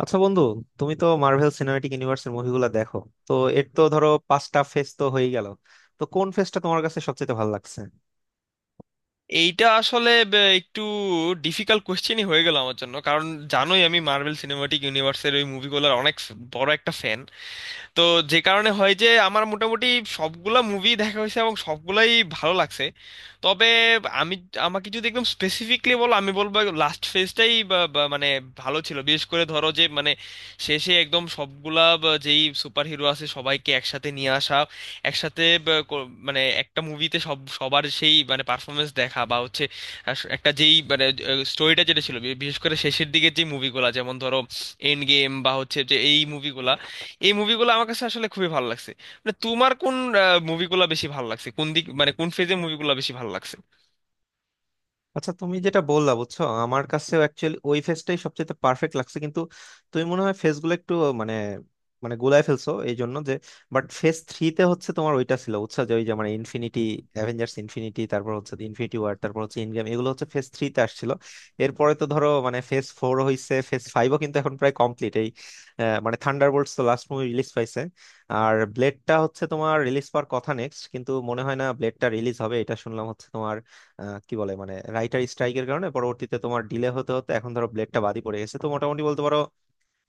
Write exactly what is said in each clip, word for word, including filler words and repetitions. আচ্ছা বন্ধু, তুমি তো মার্ভেল সিনেম্যাটিক ইউনিভার্সের মুভিগুলো দেখো। তো এর তো ধরো পাঁচটা ফেজ তো হয়ে গেল। তো কোন ফেজটা তোমার কাছে সবচেয়ে ভালো লাগছে? এইটা আসলে বে- একটু ডিফিকাল্ট কোশ্চেনই হয়ে গেল আমার জন্য, কারণ জানোই আমি মার্বেল সিনেমাটিক ইউনিভার্সের ওই মুভিগুলোর অনেক বড় একটা ফ্যান। তো যে কারণে হয় যে আমার মোটামুটি সবগুলা মুভি দেখা হয়েছে এবং সবগুলাই ভালো লাগছে। তবে আমি, আমাকে যদি একদম স্পেসিফিকলি বলো আমি বলবো লাস্ট ফেজটাই মানে ভালো ছিল। বিশেষ করে ধরো যে মানে শেষে একদম সবগুলা বা যেই সুপার হিরো আছে সবাইকে একসাথে নিয়ে আসা, একসাথে বা কো- মানে একটা মুভিতে সব সবার সেই মানে পারফরমেন্স দেখা বা হচ্ছে আহ, একটা যেই মানে স্টোরিটা যেটা ছিল বি- বিশেষ করে শেষের দিকে যে মুভিগুলা, যেমন ধরো এন্ড গেম বা হচ্ছে যে এই মুভিগুলা, এই মুভিগুলো আমার কাছে আসলে খুবই ভালো লাগছে। মানে তোমার কোন আহ, মুভিগুলো বেশি ভালো লাগছে, কোন দিক মানে কোন ফেজে মুভিগুলো বেশি ভালো লাগছে? আচ্ছা তুমি যেটা বললা বুঝছো, আমার কাছেও অ্যাকচুয়ালি ওই ফেসটাই সবচেয়ে পারফেক্ট লাগছে, কিন্তু তুমি মনে হয় ফেসগুলো একটু মানে মানে গোলায় ফেলছো এই জন্য যে, বাট ফেস থ্রিতে হচ্ছে তোমার, ওইটা ছিল বুঝছো যে ওই যে মানে ইনফিনিটি অ্যাভেঞ্জার্স ইনফিনিটি, তারপর হচ্ছে ইনফিনিটি ওয়ার, তারপর হচ্ছে ইনগেম, এগুলো হচ্ছে ফেস থ্রিতে আসছিল। এরপরে তো ধরো মানে ফেস ফোর হইছে, ফেস ফাইভও কিন্তু এখন প্রায় কমপ্লিট এই আহ, মানে থান্ডারবোল্টস তো লাস্ট মুভি রিলিজ পাইছে। আর ব্লেডটা হচ্ছে তোমার রিলিজ পাওয়ার কথা নেক্সট, কিন্তু মনে হয় না ব্লেডটা রিলিজ হবে, এটা শুনলাম হচ্ছে তোমার আহ, কি বলে মানে রাইটার স্ট্রাইকের কারণে পরবর্তীতে তোমার ডিলে হতে হতে এখন ধরো ব্লেডটা বাদই পড়ে গেছে। তো মোটামুটি বলতে পারো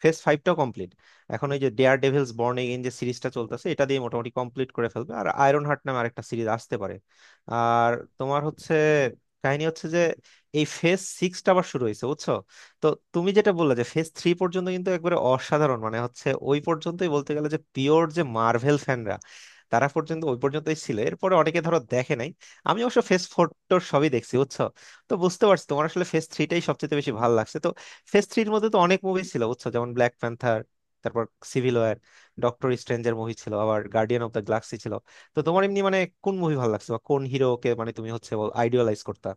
ফেজ ফাইভটাও কমপ্লিট। এখন ওই যে ডেয়ার ডেভিলস বর্ন এগেইন যে সিরিজটা চলতেছে এটা দিয়ে মোটামুটি কমপ্লিট করে ফেলবে, আর আয়রন হার্ট নামে আরেকটা সিরিজ আসতে পারে। আর তোমার হচ্ছে কাহিনী হচ্ছে যে এই ফেজ সিক্সটা আবার শুরু হয়েছে বুঝছো। তো তুমি যেটা বললে যে ফেজ থ্রি পর্যন্ত কিন্তু একবারে অসাধারণ, মানে হচ্ছে ওই পর্যন্তই বলতে গেলে যে পিওর যে মার্ভেল ফ্যানরা, তারা পর্যন্ত ওই পর্যন্তই ছিল, এরপরে অনেকে ধরো দেখে নাই। আমি অবশ্য ফেজ ফোর টোর সবই দেখছি বুঝছো। তো বুঝতে পারছি তোমার আসলে ফেজ থ্রিটাই সবচেয়ে বেশি ভালো লাগছে। তো ফেজ থ্রির মধ্যে তো অনেক মুভি ছিল বুঝছো, যেমন ব্ল্যাক প্যান্থার, তারপর সিভিল ওয়ার, ডক্টর স্ট্রেঞ্জের মুভি ছিল, আবার গার্ডিয়ান অফ দ্য গ্যালাক্সি ছিল। তো তোমার এমনি মানে কোন মুভি ভালো লাগছে বা কোন হিরোকে মানে তুমি হচ্ছে আইডিয়ালাইজ করতা?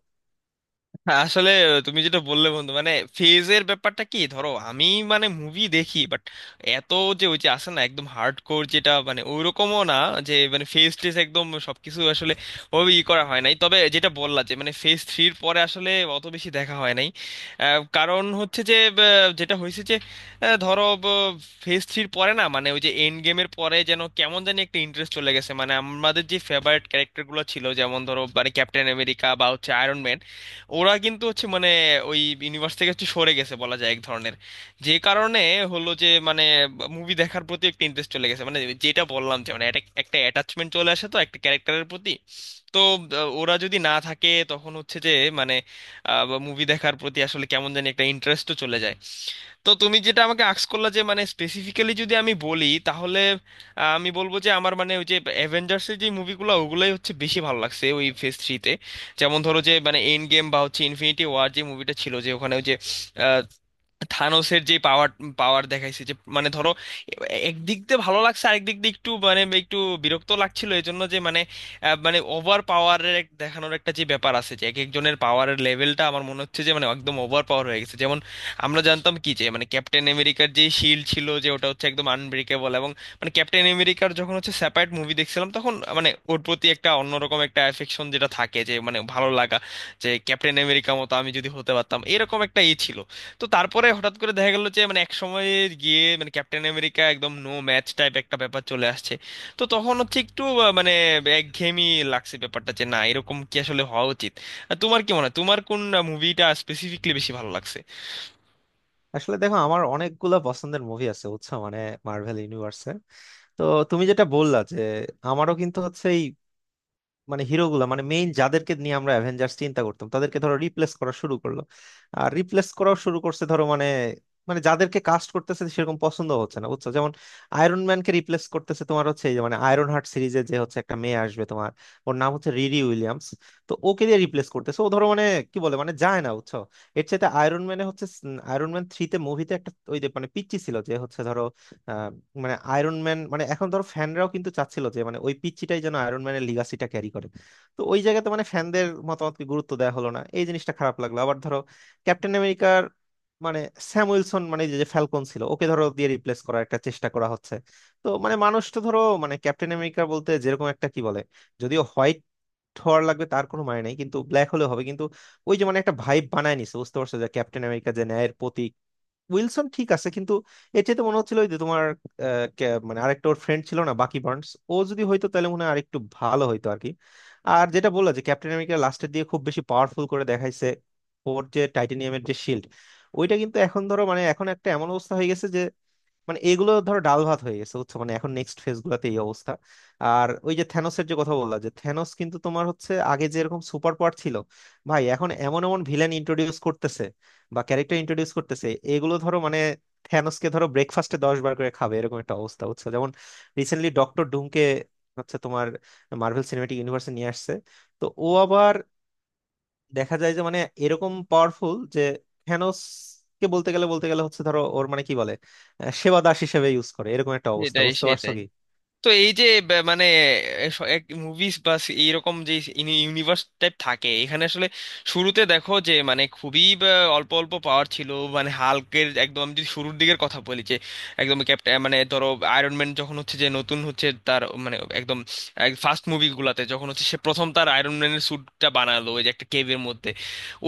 হ্যাঁ, আসলে তুমি যেটা বললে বন্ধু, মানে ফেজের ব্যাপারটা কি, ধরো আমি মানে মুভি দেখি বাট এত যে ওই যে আসে না একদম হার্ড কোর, যেটা মানে ওইরকমও না যে মানে ফেজ টেজ একদম সবকিছু আসলে ওই ই করা হয় নাই। তবে যেটা বললা যে মানে ফেজ থ্রির পরে আসলে অত বেশি দেখা হয় নাই। আহ, কারণ হচ্ছে যে আহ, যেটা হয়েছে যে আহ, ধরো ফেজ থ্রির পরে না মানে ওই যে এন্ড গেমের পরে যেন কেমন জানি একটা ইন্টারেস্ট চলে গেছে। মানে আমাদের যে ফেভারিট ক্যারেক্টারগুলো ছিল যেমন ধরো মানে ক্যাপ্টেন আমেরিকা বা হচ্ছে আয়রন ম্যান, ওরা কিন্তু হচ্ছে মানে ওই ইউনিভার্স থেকে একটু সরে গেছে বলা যায় এক ধরনের। যে কারণে হলো যে মানে মুভি দেখার প্রতি একটা ইন্টারেস্ট চলে গেছে। মানে যেটা বললাম যে মানে একটা একটা অ্যাটাচমেন্ট চলে আসে তো একটা ক্যারেক্টারের প্রতি। তো আহ, ওরা যদি না থাকে তখন হচ্ছে যে মানে মুভি দেখার প্রতি আসলে কেমন জানি একটা ইন্টারেস্টও চলে যায়। তো তুমি যেটা আমাকে আক্স করলা যে মানে স্পেসিফিক্যালি যদি আমি বলি তাহলে আহ, আমি বলবো যে আমার মানে ওই যে অ্যাভেঞ্জার্সের যে মুভিগুলো ওগুলোই হচ্ছে বেশি ভালো লাগছে ওই ফেজ থ্রিতে। যেমন ধরো যে মানে এন্ড গেম বা হচ্ছে ইনফিনিটি ওয়ার যে মুভিটা ছিল, যে ওখানে ওই যে থানোসের যে পাওয়ার পাওয়ার দেখাইছে, যে মানে ধরো এ- একদিক দিয়ে ভালো লাগছে, আরেক দিক দিয়ে একটু মানে একটু বিরক্ত লাগছিল। এই জন্য যে মানে আহ, মানে ওভার পাওয়ারের এক দেখানোর একটা যে ব্যাপার আছে, যে এক একজনের পাওয়ারের লেভেলটা আমার মনে হচ্ছে যে মানে একদম ওভার পাওয়ার হয়ে গেছে। যেমন আমরা জানতাম কি যে মানে ক্যাপ্টেন আমেরিকার যে শিল্ড ছিল যে ওটা হচ্ছে একদম আনব্রেকেবল। এবং মানে ক্যাপ্টেন আমেরিকার যখন হচ্ছে সেপারেট মুভি দেখছিলাম তখন মানে ওর প্রতি একটা অন্যরকম একটা অ্যাফেকশন যেটা থাকে, যে মানে ভালো লাগা, যে ক্যাপ্টেন আমেরিকা মতো আমি যদি হতে পারতাম এরকম একটা ই ছিল। তো তারপরে হঠাৎ করে দেখা গেল যে মানে এক সময় গিয়ে মানে ক্যাপ্টেন আমেরিকা একদম নো ম্যাচ টাইপ একটা ব্যাপার চলে আসছে। তো তখন হচ্ছে একটু আহ, মানে একঘেয়েমি লাগছে ব্যাপারটা, যে না এরকম কি আসলে হওয়া উচিত। আর তোমার কি মনে হয়, তোমার কোন মুভিটা স্পেসিফিকলি বেশি ভালো লাগছে? আসলে দেখো আমার অনেকগুলা পছন্দের মুভি আছে বুঝছো, মানে মার্ভেল ইউনিভার্সে। তো তুমি যেটা বললা, যে আমারও কিন্তু হচ্ছে মানে হিরোগুলা মানে মেইন যাদেরকে নিয়ে আমরা অ্যাভেঞ্জার্স চিন্তা করতাম তাদেরকে ধরো রিপ্লেস করা শুরু করলো। আর রিপ্লেস করাও শুরু করছে ধরো মানে, মানে যাদেরকে কাস্ট করতেছে সেরকম পছন্দ হচ্ছে না বুঝছো, যেমন আয়রন ম্যানকে রিপ্লেস করতেছে তোমার হচ্ছে এই যে মানে আয়রন হার্ট সিরিজে যে হচ্ছে একটা মেয়ে আসবে তোমার, ওর নাম হচ্ছে রিরি উইলিয়ামস। তো ওকে দিয়ে রিপ্লেস করতেছে, ও ধরো মানে কি বলে মানে যায় না বুঝছো। এর চাইতে আয়রন ম্যানে হচ্ছে আয়রন ম্যান থ্রিতে মুভিতে একটা ওই যে মানে পিচ্চি ছিল, যে হচ্ছে ধরো মানে আয়রন ম্যান মানে এখন ধরো ফ্যানরাও কিন্তু চাচ্ছিল যে মানে ওই পিচ্চিটাই যেন আয়রন ম্যানের লিগাসিটা ক্যারি করে। তো ওই জায়গাতে মানে ফ্যানদের মতামতকে গুরুত্ব দেওয়া হলো না, এই জিনিসটা খারাপ লাগলো। আবার ধরো ক্যাপ্টেন আমেরিকার মানে স্যাম উইলসন, মানে যে ফ্যালকন ছিল, ওকে ধরো দিয়ে রিপ্লেস করার একটা চেষ্টা করা হচ্ছে। তো মানে মানুষ তো ধরো মানে ক্যাপ্টেন আমেরিকা বলতে যেরকম একটা কি বলে, যদিও হোয়াইট হওয়ার লাগবে তার কোনো মানে নেই, কিন্তু ব্ল্যাক হলেও হবে, কিন্তু ওই যে মানে একটা ভাইব বানায় নিছে বুঝতে পারছো, যে ক্যাপ্টেন আমেরিকা যে ন্যায়ের প্রতীক। উইলসন ঠিক আছে, কিন্তু এর চাইতে মনে হচ্ছিল ওই যে তোমার আহ, কে- মানে আরেকটা ওর ফ্রেন্ড ছিল না, বাকি বার্নস, ও যদি হয়তো তাহলে মনে হয় আরেকটু ভালো হইতো আর কি। আর যেটা বললা যে ক্যাপ্টেন আমেরিকা লাস্টের দিয়ে খুব বেশি পাওয়ারফুল করে দেখাইছে, ওর যে টাইটেনিয়ামের যে শিল্ড, ওইটা কিন্তু এখন ধরো মানে এখন একটা এমন অবস্থা হয়ে গেছে যে মানে এগুলো ধরো ডাল ভাত হয়ে গেছে বুঝছো, মানে এখন নেক্সট ফেজ গুলাতে এই অবস্থা। আর ওই যে থ্যানোসের যে কথা বললা, যে থ্যানোস কিন্তু তোমার হচ্ছে আগে যেরকম সুপার পাওয়ার ছিল, ভাই এখন এমন এমন ভিলেন ইন্ট্রোডিউস করতেছে বা ক্যারেক্টার ইন্ট্রোডিউস করতেছে, এগুলো ধরো মানে থ্যানোসকে ধরো ব্রেকফাস্টে দশ বার করে খাবে এরকম একটা অবস্থা বুঝছো, যেমন রিসেন্টলি ডক্টর ডুমকে হচ্ছে তোমার মার্ভেল সিনেমেটিক ইউনিভার্সে নিয়ে আসছে। তো ও আবার দেখা যায় যে মানে এরকম পাওয়ারফুল, যে থ্যানোস কে বলতে গেলে বলতে গেলে হচ্ছে ধরো ওর মানে কি বলে আহ, সেবা দাস হিসেবে ইউজ করে, এরকম একটা অবস্থা সেটাই বুঝতে পারছো সেটাই। কি। তো এই যে ব- মানে মুভিজ বা সি- এইরকম যে ইউনিভার্স টাইপ থাকে, এখানে আসলে শুরুতে দেখো যে মানে খুবই বা অল্প অল্প পাওয়ার ছিল। মানে হাল্কের একদম আমি যদি শুরুর দিকের কথা বলি, যে একদম ক্যাপ্টেন মানে ধরো আয়রন ম্যান যখন হচ্ছে যে নতুন হচ্ছে তার মানে একদম ফার্স্ট মুভিগুলাতে যখন হচ্ছে সে প্রথম তার আয়রন ম্যানের স্যুটটা বানালো ওই যে একটা কেভের মধ্যে,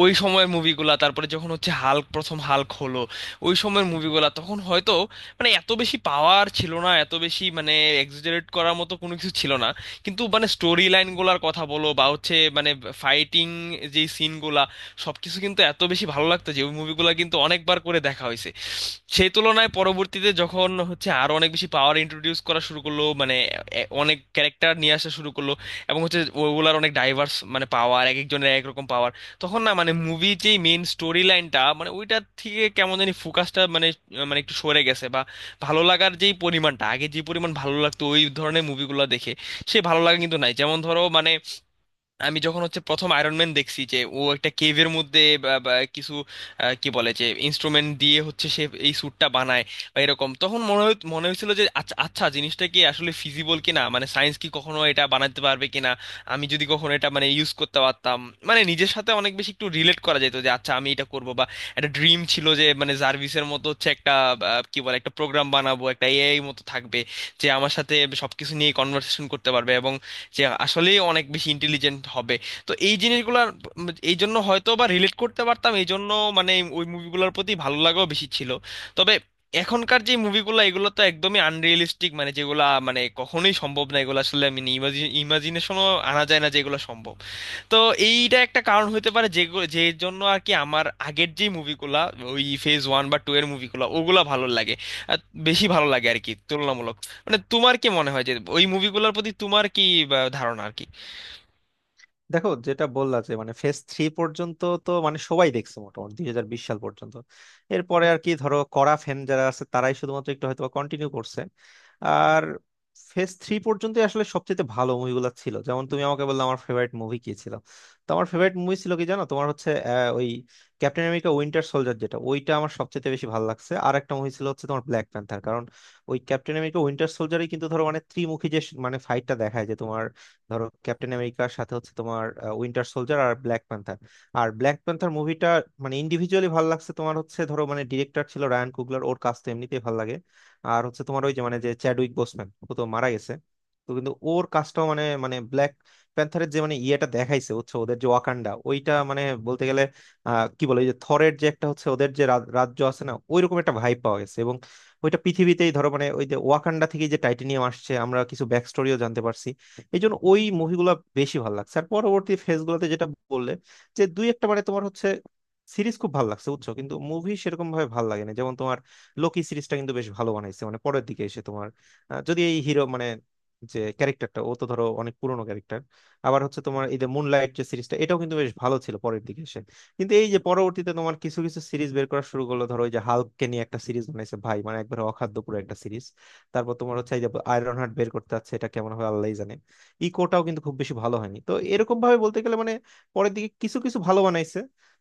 ওই সময়ের মুভিগুলা, তারপরে যখন হচ্ছে হাল্ক প্রথম হাল্ক হলো, ওই সময়ের মুভিগুলা তখন হয়তো মানে এত বেশি পাওয়ার ছিল না, এত বেশি মানে এক্সাজারেট করার মতো কোনো কিছু ছিল না। কিন্তু মানে স্টোরি লাইনগুলোর কথা বলো বা হচ্ছে মানে ফাইটিং যে সিনগুলা সবকিছু কিন্তু এত বেশি ভালো লাগতো যে ওই মুভিগুলো কিন্তু অনেকবার করে দেখা হয়েছে। সেই তুলনায় পরবর্তীতে যখন হচ্ছে আরো অনেক বেশি পাওয়ার ইন্ট্রোডিউস করা শুরু করলো, মানে এ- অনেক ক্যারেক্টার নিয়ে আসা শুরু করলো, এবং হচ্ছে ওগুলার অনেক ডাইভার্স মানে পাওয়ার, এক একজনের এক রকম পাওয়ার, তখন না মানে মুভি যেই মেইন স্টোরি লাইনটা মানে ওইটার থেকে কেমন জানি ফোকাসটা মানে মানে একটু সরে গেছে। বা ভালো লাগার যেই পরিমাণটা, আগে যে পরিমাণ ভালো লাগতো ওই ধরনের মুভিগুলো দেখে, সে ভালো লাগা কিন্তু নাই। যেমন ধরো মানে আমি যখন হচ্ছে প্রথম আয়রন ম্যান দেখছি যে ও একটা কেভের মধ্যে বা বা কিছু আহ, কি বলে যে ইনস্ট্রুমেন্ট দিয়ে হচ্ছে সে এই স্যুটটা বানায় বা এরকম, তখন মনে হয়- মনে হয়েছিল যে আচ্ছা আচ্ছা জিনিসটা কি আসলে ফিজিবল কিনা, মানে সায়েন্স কি কখনো এটা বানাতে পারবে কিনা, আমি যদি কখনো এটা মানে ইউজ করতে পারতাম, মানে নিজের সাথে অনেক বেশি একটু রিলেট করা যেত যে আচ্ছা আমি এটা করব। বা একটা ড্রিম ছিল যে মানে জার্ভিসের মতো হচ্ছে একটা আহ, কি বলে একটা প্রোগ্রাম বানাবো, একটা এআই মতো থাকবে যে আমার সাথে সবকিছু নিয়ে কনভারসেশন করতে পারবে এবং যে আসলেই অনেক বেশি ইন্টেলিজেন্ট হবে। তো এই জিনিসগুলোর এই জন্য হয়তো বা রিলেট করতে পারতাম, এই জন্য মানে ওই মুভিগুলোর প্রতি ভালো লাগাও বেশি ছিল। তবে এখনকার যে মুভিগুলো এগুলো তো একদমই আনরিয়েলিস্টিক, মানে যেগুলা মানে কখনোই সম্ভব না, এগুলো আসলে আমি ইমাজিনেশনও আনা যায় না যে এগুলো সম্ভব। তো এইটা একটা কারণ হতে পারে যে, যে জন্য আর কি আমার আগের যে মুভিগুলা ওই ফেজ ওয়ান বা টু এর মুভিগুলা ওগুলা ভালো লাগে, আর বেশি ভালো লাগে আর কি তুলনামূলক। মানে তোমার কি মনে হয় যে ওই মুভিগুলোর প্রতি তোমার কি বা, ধারণা আর কি? দেখো যেটা বললা যে মানে ফেজ থ্রি পর্যন্ত তো মানে সবাই দেখছে, মোটামুটি দুই হাজার বিশ সাল পর্যন্ত। এরপরে আর কি ধরো কড়া ফ্যান যারা আছে তারাই শুধুমাত্র একটু হয়তো কন্টিনিউ করছে। আর ফেজ থ্রি পর্যন্ত আসলে সবচেয়ে ভালো মুভিগুলো ছিল, যেমন তুমি আমাকে বললে আমার ফেভারিট মুভি কি ছিল। তো আমার ফেভারিট মুভি ছিল কি জানো, তোমার হচ্ছে আহ, ওই ক্যাপ্টেন আমেরিকা উইন্টার সোলজার, যেটা ওইটা আমার সবচেয়ে বেশি ভালো লাগছে। আর একটা মুভি ছিল হচ্ছে তোমার ব্ল্যাক প্যান্থার, কারণ ওই ক্যাপ্টেন আমেরিকা উইন্টার সোলজারই কিন্তু ধরো মানে ত্রিমুখী যে স- মানে ফাইটটা দেখায়, যে তোমার ধরো ক্যাপ্টেন আমেরিকার সাথে হচ্ছে তোমার উইন্টার সোলজার আর ব্ল্যাক প্যান্থার। আর ব্ল্যাক প্যান্থার মুভিটা মানে ইন্ডিভিজুয়ালি ভালো লাগছে, তোমার হচ্ছে ধরো মানে ডিরেক্টর ছিল রায়ান কুগলার, ওর কাজ তো এমনিতেই ভালো লাগে। আর হচ্ছে তোমার ওই যে মানে যে চ্যাডউইক বোসম্যান, ও তো মারা গেছে। তো কিন্তু ওর কাজটাও মানে, মানে ব্ল্যাক প্যান্থারের যে মানে ইয়েটা দেখাইছে হচ্ছে ওদের যে ওয়াকান্ডা, ওইটা মানে বলতে গেলে আহ কি বলে ওই যে থরের যে একটা হচ্ছে ওদের যে রা- রাজ্য আছে না, ওইরকম একটা ভাইব পাওয়া গেছে। এবং ওইটা পৃথিবীতেই ধরো মানে ওই যে ওয়াকান্ডা থেকে যে টাইটেনিয়াম আসছে, আমরা কিছু ব্যাক স্টোরিও জানতে পারছি, এই জন্য ওই মুভিগুলো বেশি ভালো লাগছে। আর পরবর্তী ফেজগুলোতে যেটা বললে, যে দুই একটা মানে তোমার হচ্ছে সিরিজ খুব ভালো লাগছে বুঝছো, কিন্তু মুভি সেরকম ভাবে ভালো লাগে না, যেমন তোমার লোকি সিরিজটা কিন্তু বেশ ভালো বানাইছে, মানে পরের দিকে এসে তোমার আহ, যদি এই হিরো মানে যে ক্যারেক্টারটা, ও তো ধরো অনেক পুরনো ক্যারেক্টার। আবার হচ্ছে তোমার এই যে মুনলাইট যে সিরিজটা, এটাও কিন্তু বেশ ভালো ছিল পরের দিকে এসে। কিন্তু এই যে পরবর্তীতে তোমার কিছু কিছু সিরিজ বের করা শুরু করলো, ধরো ওই যে হাল্ককে নিয়ে একটা সিরিজ বানাইছে, ভাই মানে একবারে অখাদ্য পুরো একটা সিরিজ। তারপর তোমার হচ্ছে এই যে আয়রন হার্ট বের করতে যাচ্ছে, এটা কেমন হবে আল্লাহই জানে। ইকোটাও কিন্তু খুব বেশি ভালো হয়নি। তো এরকম ভাবে বলতে গেলে মানে পরের দিকে কিছু কিছু ভালো বানাইছে,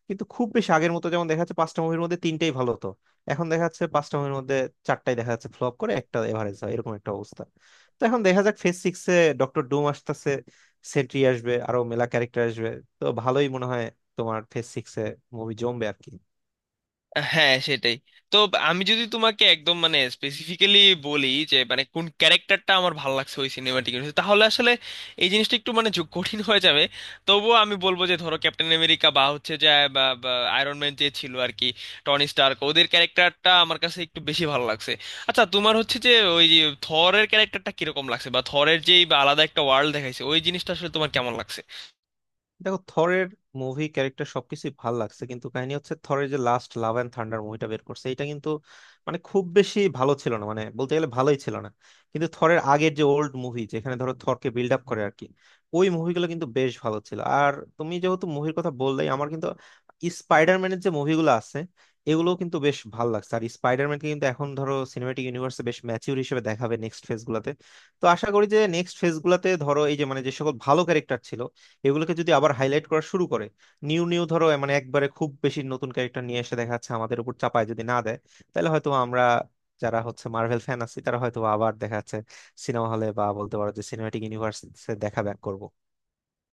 কিন্তু খুব বেশি আগের মতো, যেমন দেখা যাচ্ছে পাঁচটা মুভির মধ্যে তিনটাই ভালো হতো, এখন দেখা যাচ্ছে পাঁচটা মুভির মধ্যে চারটাই দেখা যাচ্ছে ফ্লপ করে, একটা এভারেজ হয়, এরকম একটা অবস্থা। তো এখন দেখা যাক ফেজ সিক্স এ ডক্টর ডুম আসতেছে, সেন্ট্রি আসবে, আরো মেলা ক্যারেক্টার আসবে। তো ভালোই মনে হয় তোমার ফেজ সিক্স এ মুভি জমবে আর কি। হ্যাঁ সেটাই। তো আমি যদি তোমাকে একদম মানে স্পেসিফিক্যালি বলি যে মানে কোন ক্যারেক্টারটা আমার ভালো লাগছে ওই সিনেমাটিক, তাহলে আসলে এই জিনিসটা একটু মানে যো- কঠিন হয়ে যাবে। তবুও আমি বলবো যে ধরো ক্যাপ্টেন আমেরিকা বা হচ্ছে যে আয়রন ম্যান যে ছিল আর কি, টনি স্টার্ক, ওদের ক্যারেক্টারটা আমার কাছে একটু বেশি ভালো লাগছে। আচ্ছা তোমার হচ্ছে যে ওই থরের ক্যারেক্টারটা কিরকম লাগছে, বা থরের যেই বা আলাদা একটা ওয়ার্ল্ড দেখাইছে ওই জিনিসটা আসলে তোমার কেমন লাগছে? দেখো থরের মুভি ক্যারেক্টার সবকিছুই ভাল লাগছে, কিন্তু কাহিনী হচ্ছে থরের যে লাস্ট লাভ অ্যান্ড থান্ডার মুভিটা বের করছে, এটা কিন্তু মানে খুব বেশি ভালো ছিল না, মানে বলতে গেলে ভালোই ছিল না। কিন্তু থরের আগের যে ওল্ড মুভি যেখানে ধরো থরকে বিল্ড আপ করে আর কি, ওই মুভিগুলো কিন্তু বেশ ভালো ছিল। আর তুমি যেহেতু মুভির কথা বললেই আমার কিন্তু স্পাইডারম্যানের যে মুভিগুলো আছে, এগুলোও কিন্তু বেশ ভালো লাগছে। আর স্পাইডারম্যানকে কিন্তু এখন ধরো সিনেমাটিক ইউনিভার্সে বেশ ম্যাচিউর হিসেবে দেখাবে নেক্সট ফেজ গুলাতে। তো আশা করি যে নেক্সট ফেজ গুলাতে ধরো এই যে মানে যে সকল ভালো ক্যারেক্টার ছিল, এগুলোকে যদি আবার হাইলাইট করা শুরু করে, নিউ নিউ ধরো এ মানে একবারে খুব বেশি নতুন ক্যারেক্টার নিয়ে এসে দেখা যাচ্ছে আমাদের উপর চাপায় যদি না দেয়, তাহলে হয়তো আমরা যারা হচ্ছে মার্ভেল ফ্যান আছি, তারা হয়তো আবার দেখা যাচ্ছে সিনেমা হলে, বা বলতে পারো যে সিনেমাটিক ইউনিভার্স দেখা ব্যাক করবো।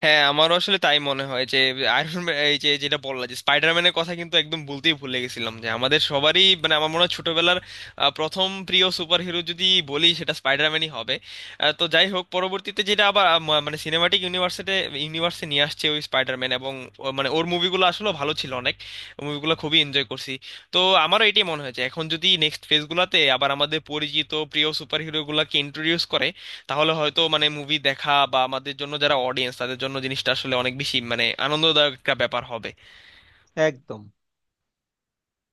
হ্যাঁ আমারও আসলে তাই মনে হয় যে আয়রন ম্যান, এই যে যেটা বললাম যে স্পাইডারম্যানের কথা কিন্তু একদম বলতেই ভুলে গেছিলাম, যে আমাদের সবারই মানে আমার মনে হয় ছোটবেলার আহ, প্রথম প্রিয় সুপারহিরো যদি বলি সেটা স্পাইডারম্যানই হবে। আহ, তো যাই হোক পরবর্তীতে যেটা আবার আহ, ম- মানে সিনেমাটিক ইউনিভার্সিটি ইউনিভার্সে নিয়ে আসছে ওই স্পাইডারম্যান, এবং ও- মানে ওর মুভিগুলো আসলে ভালো ছিল অনেক, মুভিগুলো খুবই এনজয় করছি। তো আমারও এটাই মনে হয়েছে, এখন যদি নেক্সট ফেজগুলোতে আবার আমাদের পরিচিত প্রিয় সুপারহিরোগুলোকে ইন্ট্রোডিউস করে, তাহলে হয়তো মানে মুভি দেখা বা আমাদের জন্য যারা অডিয়েন্স তাদের জন্য জিনিসটা আসলে অনেক বেশি মানে আনন্দদায়ক একটা ব্যাপার হবে। একদম।